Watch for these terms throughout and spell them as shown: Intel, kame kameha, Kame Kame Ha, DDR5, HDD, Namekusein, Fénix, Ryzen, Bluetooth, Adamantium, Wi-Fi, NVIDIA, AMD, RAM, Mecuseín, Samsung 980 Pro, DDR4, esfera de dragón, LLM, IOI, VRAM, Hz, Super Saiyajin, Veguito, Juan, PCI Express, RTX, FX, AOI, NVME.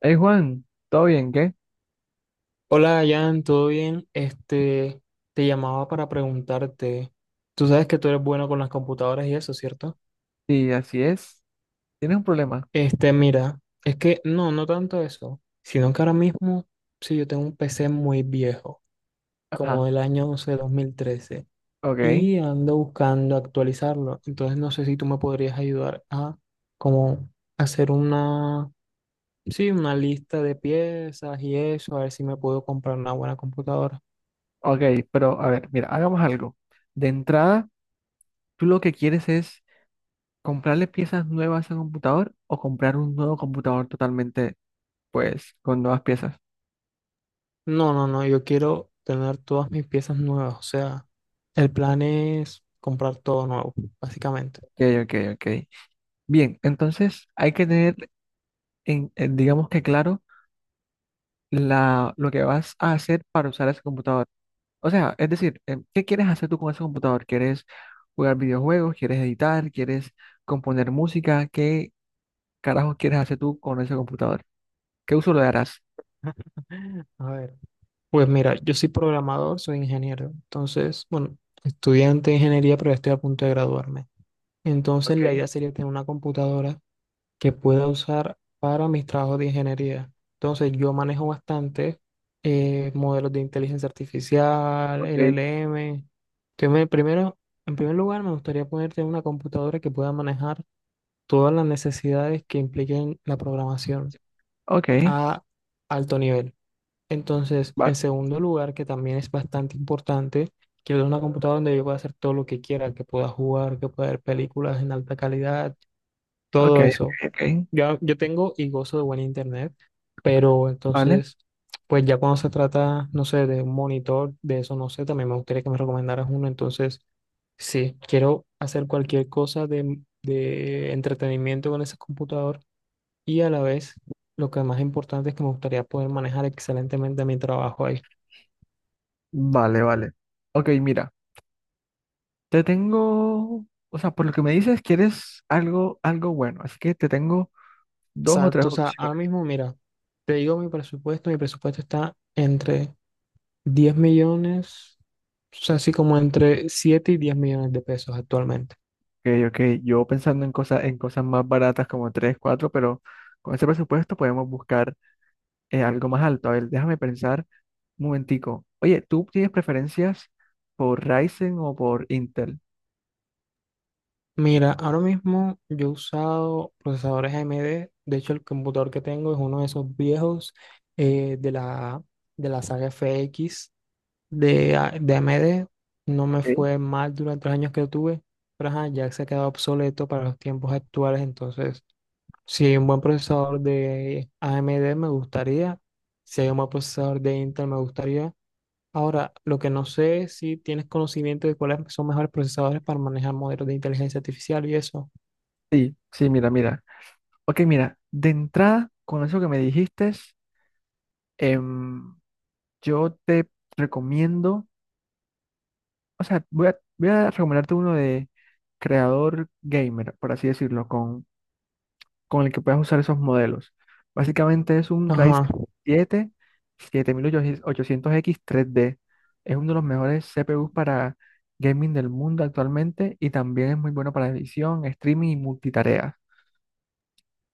Hey Juan, ¿todo bien? ¿Qué? Hola, Jan, ¿todo bien? Te llamaba para preguntarte. Tú sabes que tú eres bueno con las computadoras y eso, ¿cierto? Sí, así es. ¿Tienes un problema? Mira, es que no, no tanto eso, sino que ahora mismo, sí, yo tengo un PC muy viejo, como Ajá, del año, no sé, 2013, ok, y ando buscando actualizarlo. Entonces, no sé si tú me podrías ayudar a, como, hacer una, sí, una lista de piezas y eso, a ver si me puedo comprar una buena computadora. ok, pero a ver, mira, hagamos algo. De entrada, tú lo que quieres es comprarle piezas nuevas a un computador o comprar un nuevo computador totalmente, pues, con nuevas piezas. No, no, no, yo quiero tener todas mis piezas nuevas, o sea, el plan es comprar todo nuevo, básicamente. Ok, ok, ok. Bien, entonces hay que tener, digamos que claro, lo que vas a hacer para usar ese computador. O sea, es decir, ¿qué quieres hacer tú con ese computador? ¿Quieres jugar videojuegos, quieres editar, quieres componer música, qué carajo quieres hacer tú con ese computador? ¿Qué uso le darás? A ver, pues mira, yo soy programador, soy ingeniero, entonces, bueno, estudiante de ingeniería, pero ya estoy a punto de graduarme. Entonces, la Ok, idea sería tener una computadora que pueda usar para mis trabajos de ingeniería. Entonces, yo manejo bastante modelos de inteligencia artificial, ok, LLM. Entonces, primero, en primer lugar, me gustaría ponerte una computadora que pueda manejar todas las necesidades que impliquen la programación ok, a alto nivel. Entonces, en vale. segundo lugar, que también es bastante importante, quiero una computadora donde yo pueda hacer todo lo que quiera, que pueda jugar, que pueda ver películas en alta calidad, Ok, todo eso. ok, ok, Yo tengo y gozo de buen internet, pero vale, entonces, pues ya cuando se trata, no sé, de un monitor, de eso no sé, también me gustaría que me recomendaras uno. Entonces, sí, quiero hacer cualquier cosa de entretenimiento con ese computador y a la vez, lo que más importante es que me gustaría poder manejar excelentemente mi trabajo ahí. vale, vale. Ok, mira, te tengo, o sea, por lo que me dices, quieres algo, algo bueno, así que te tengo dos o tres Exacto, o sea, ahora opciones. mismo, mira, te digo mi presupuesto está entre 10 millones, o sea, así como entre 7 y 10 millones de pesos actualmente. Ok, ok, yo pensando en cosas, más baratas como tres, cuatro, pero con ese presupuesto podemos buscar algo más alto. A ver, déjame pensar. Un momentico. Oye, ¿tú tienes preferencias por Ryzen o por Intel? Mira, ahora mismo yo he usado procesadores AMD, de hecho el computador que tengo es uno de esos viejos eh, de la, de la saga FX de AMD, no me Ok. fue mal durante los años que lo tuve, pero ajá, ya se ha quedado obsoleto para los tiempos actuales, entonces si hay un buen procesador de AMD me gustaría, si hay un buen procesador de Intel me gustaría. Ahora, lo que no sé es si tienes conocimiento de cuáles son mejores procesadores para manejar modelos de inteligencia artificial y eso. Sí, sí, mira, mira. Ok, mira, de entrada, con eso que me dijiste, em, yo te recomiendo, o sea, voy a recomendarte uno de creador gamer, por así decirlo, con el que puedas usar esos modelos. Básicamente es un Ajá, Ryzen 7 7800X3D. Es uno de los mejores CPUs para gaming del mundo actualmente, y también es muy bueno para edición, streaming y multitarea.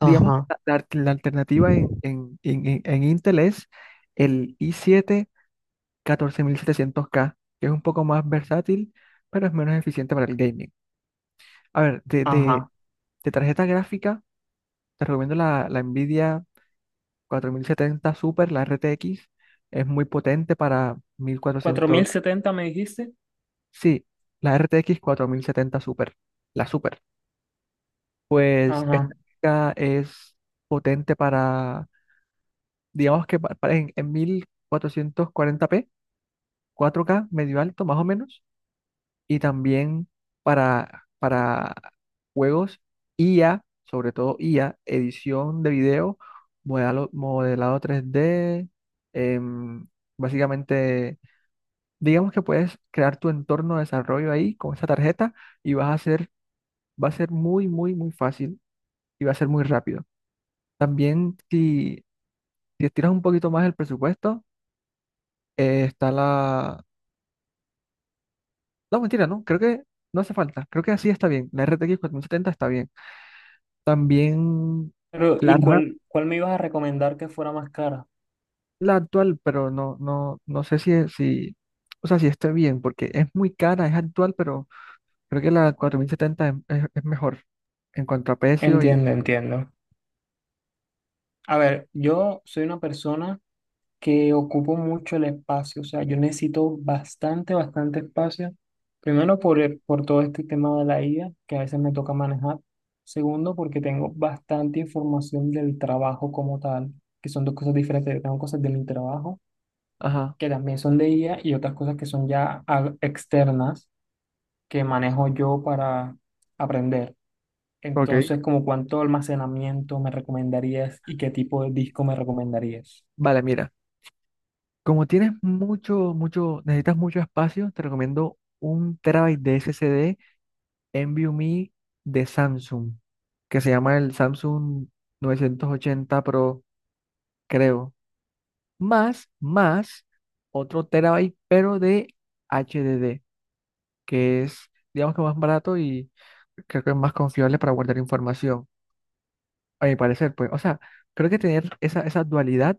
Digamos, ajá, la alternativa en Intel es el i siete 14700K, que es un poco más versátil, pero es menos eficiente para el gaming. A ver, ajá. de tarjeta gráfica, te recomiendo la NVIDIA 4070 Super, la RTX, es muy potente para mil Cuatro mil cuatrocientos setenta me dijiste. Sí, la RTX 70 Super, la Super. Pues esta Ajá. gráfica es potente para, digamos que para en 1440p, 4K medio alto más o menos, y también para juegos IA, sobre todo IA, edición de video, modelado 3D, em, básicamente. Digamos que puedes crear tu entorno de desarrollo ahí con esta tarjeta y va a ser muy, muy, muy fácil y va a ser muy rápido. También si estiras un poquito más el presupuesto, está la. No, mentira, no, creo que no hace falta. Creo que así está bien. La RTX setenta está bien. También Pero, la ¿y RAM, cuál me ibas a recomendar que fuera más cara? la actual, pero no, no, no sé o sea, si esté bien, porque es muy cara, es actual, pero creo que la 4070 es mejor en cuanto a precio y... Entiendo, entiendo. A ver, yo soy una persona que ocupo mucho el espacio, o sea, yo necesito bastante, bastante espacio. Primero por todo este tema de la IA, que a veces me toca manejar. Segundo, porque tengo bastante información del trabajo como tal, que son dos cosas diferentes. Yo tengo cosas de mi trabajo, Ajá, que también son de IA, y otras cosas que son ya externas, que manejo yo para aprender. ok. Entonces, ¿como cuánto almacenamiento me recomendarías y qué tipo de disco me recomendarías? Vale, mira, como tienes mucho, mucho, necesitas mucho espacio, te recomiendo un terabyte de SSD NVMe de Samsung, que se llama el Samsung 980 Pro, creo. Más, más, otro terabyte, pero de HDD, que es, digamos que más barato, y creo que es más confiable para guardar información, a mi parecer, pues. O sea, creo que tener esa dualidad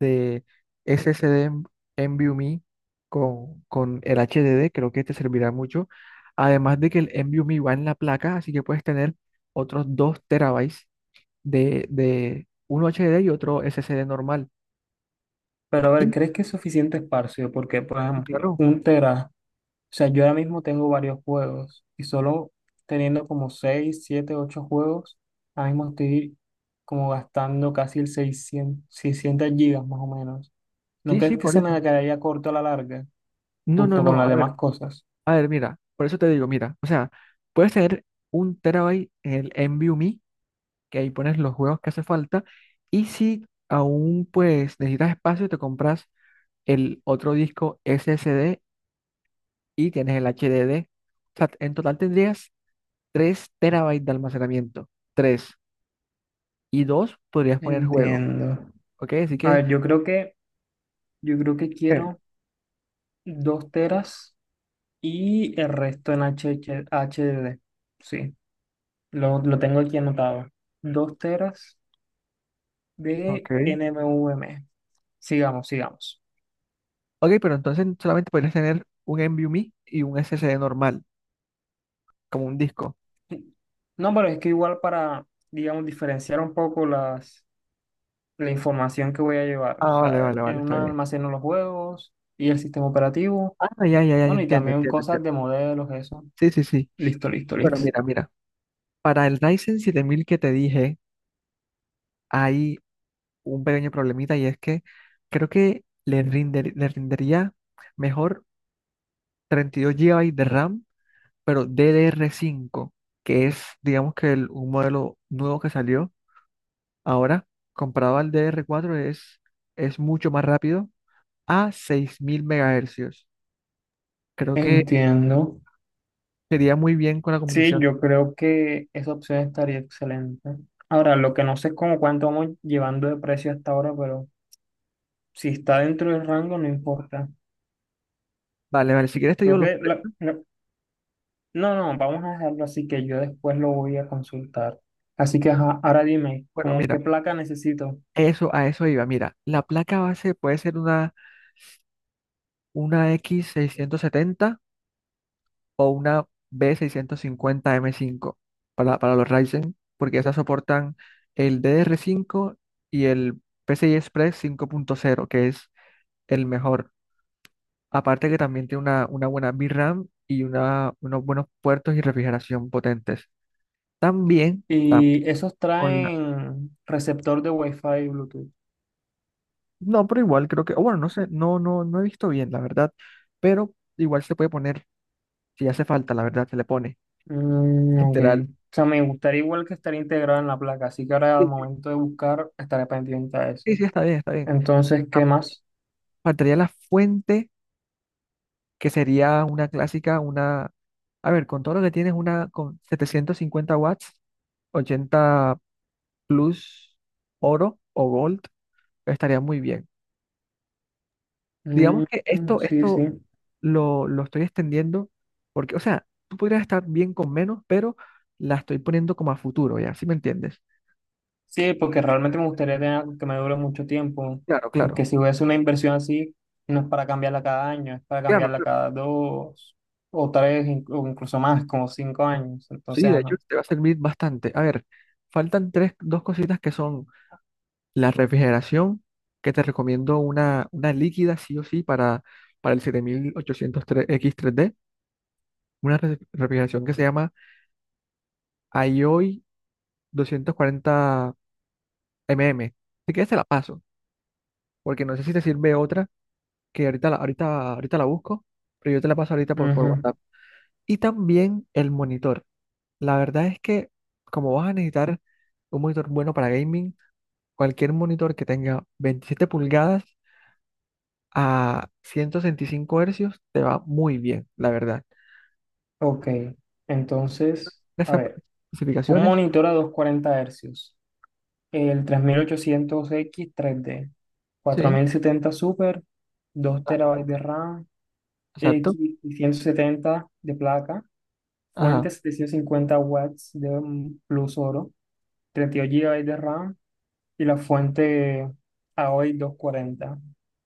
de SSD NVMe con el HDD, creo que te servirá mucho. Además de que el NVMe va en la placa, así que puedes tener otros 2 terabytes de uno HDD y otro SSD normal. Pero a ver, Y, ¿crees que es suficiente espacio? Porque, por y ejemplo, claro, un tera, o sea, yo ahora mismo tengo varios juegos y solo teniendo como 6 7 8 juegos, ahora mismo estoy como gastando casi el 600, 600 gigas más o menos. ¿No sí, sí, crees que por se me eso. quedaría corto a la larga, No, no, junto con no, las demás cosas? a ver, mira, por eso te digo, mira, o sea, puedes tener un terabyte en el NVMe, que ahí pones los juegos que hace falta, y si aún pues necesitas espacio, te compras el otro disco SSD y tienes el HDD. O sea, en total tendrías 3 terabytes de almacenamiento. Tres Y 2 podrías poner juego. Entiendo. ¿Ok? Así A que ver, yo creo que eh, quiero 2 teras y el resto en HH D. Sí, lo tengo aquí anotado. 2 teras de ok. NMVM. Sigamos, sigamos. Ok, pero entonces solamente podrías tener un NVMe y un SSD normal, como un disco. No, pero es que igual para, digamos, diferenciar un poco la información que voy a llevar. O Ah, vale, sea, vale, en vale, está una bien. almaceno los juegos y el sistema operativo. Ah, ya, ya, ya, ya, Bueno, y entiendo, también entiendo, cosas entiendo. de modelos, eso. Sí, sí, sí. Listo, listo, Bueno, listo. mira, mira. Para el Ryzen 7000 que te dije, hay un pequeño problemita, y es que creo que le rendería mejor 32 GB de RAM, pero DDR5, que es, digamos que un modelo nuevo que salió ahora. Comparado al DDR4 es mucho más rápido, a 6000 MHz. Creo que Entiendo. sería muy bien con la Sí, combinación. yo creo que esa opción estaría excelente. Ahora, lo que no sé es como cuánto vamos llevando de precio hasta ahora, pero si está dentro del rango, no importa. Vale, vale, si quieres te digo Creo los que precios. No, no, vamos a dejarlo así que yo después lo voy a consultar. Así que ajá, ahora dime, Bueno, ¿cómo mira, qué placa necesito? eso, a eso iba. Mira, la placa base puede ser una X670, o una B650M5 para, los Ryzen, porque esas soportan el DDR5 y el PCI Express 5.0, que es el mejor. Aparte que también tiene una buena VRAM y unos buenos puertos y refrigeración potentes. También. Y esos con la... traen receptor de Wi-Fi y Bluetooth. No, pero igual creo que... o bueno, no sé, no, no, no he visto bien, la verdad. Pero igual se puede poner, si hace falta, la verdad, se le pone. Mm, ok. Literal. O sea, me gustaría igual que estar integrado en la placa, así que ahora al Sí, sí, momento de buscar estaré pendiente a eso. sí, sí, está bien, está bien. Entonces, Ah, ¿qué más? faltaría la fuente que sería una clásica, a ver, con todo lo que tienes, una con 750 W, 80 Plus oro o gold, estaría muy bien. Digamos Mm, que sí, esto sí. Lo estoy extendiendo porque, o sea, tú podrías estar bien con menos, pero la estoy poniendo como a futuro, ¿ya? ¿Sí me entiendes? Sí, porque realmente me gustaría tener algo que me dure mucho tiempo, Claro, claro, porque si voy a hacer una inversión así, no es para cambiarla cada año, es para claro, cambiarla claro. cada dos o tres, o incluso más, como 5 años. Sí, Entonces, de hecho, ajá. te va a servir bastante. A ver, faltan tres, dos cositas que son: la refrigeración, que te recomiendo una líquida sí o sí para, el 7800 x 3D, una refrigeración que se llama IOI 240 mm. Si quieres te la paso, porque no sé si te sirve otra, que ahorita la busco, pero yo te la paso ahorita por Ujú. WhatsApp. Y también el monitor. La verdad es que como vas a necesitar un monitor bueno para gaming, cualquier monitor que tenga 27 pulgadas a 165 Hz te va muy bien, la verdad. Ok, entonces, a Las ver, un especificaciones, monitor a 240 Hz, el 3800X3D cuatro sí, mil setenta Super, 2 terabytes de RAM, exacto. X70 de placa, Ajá, fuente 750 watts de plus oro, 32 GB de RAM y la fuente a AOI 40.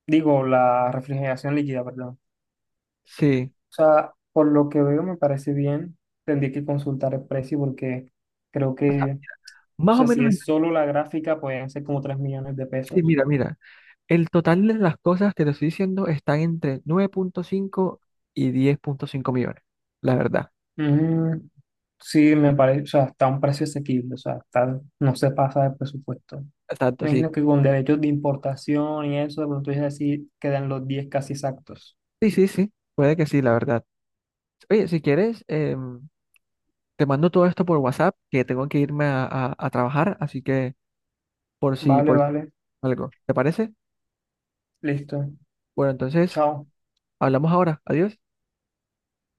Digo, la refrigeración líquida, perdón. sí. O sea, por lo que veo me parece bien. Tendría que consultar el precio porque creo O sea, que, o más o sea, si menos, es solo la gráfica, pueden ser como 3 millones de sí, pesos. mira, mira. El total de las cosas que te estoy diciendo están entre 9,5 y 10,5 millones, la verdad. Mm, sí, me parece, o sea, está a un precio asequible, o sea, está, no se pasa del presupuesto. Exacto, Me sí. imagino que con derechos de importación y eso, de pronto es así, quedan los 10 casi exactos. Sí, sí, sí. Puede que sí, la verdad. Oye, si quieres, te mando todo esto por WhatsApp, que tengo que irme a trabajar, así que Vale, por si vale, algo. ¿Te parece? listo. Bueno, entonces, Chao. hablamos ahora. Adiós.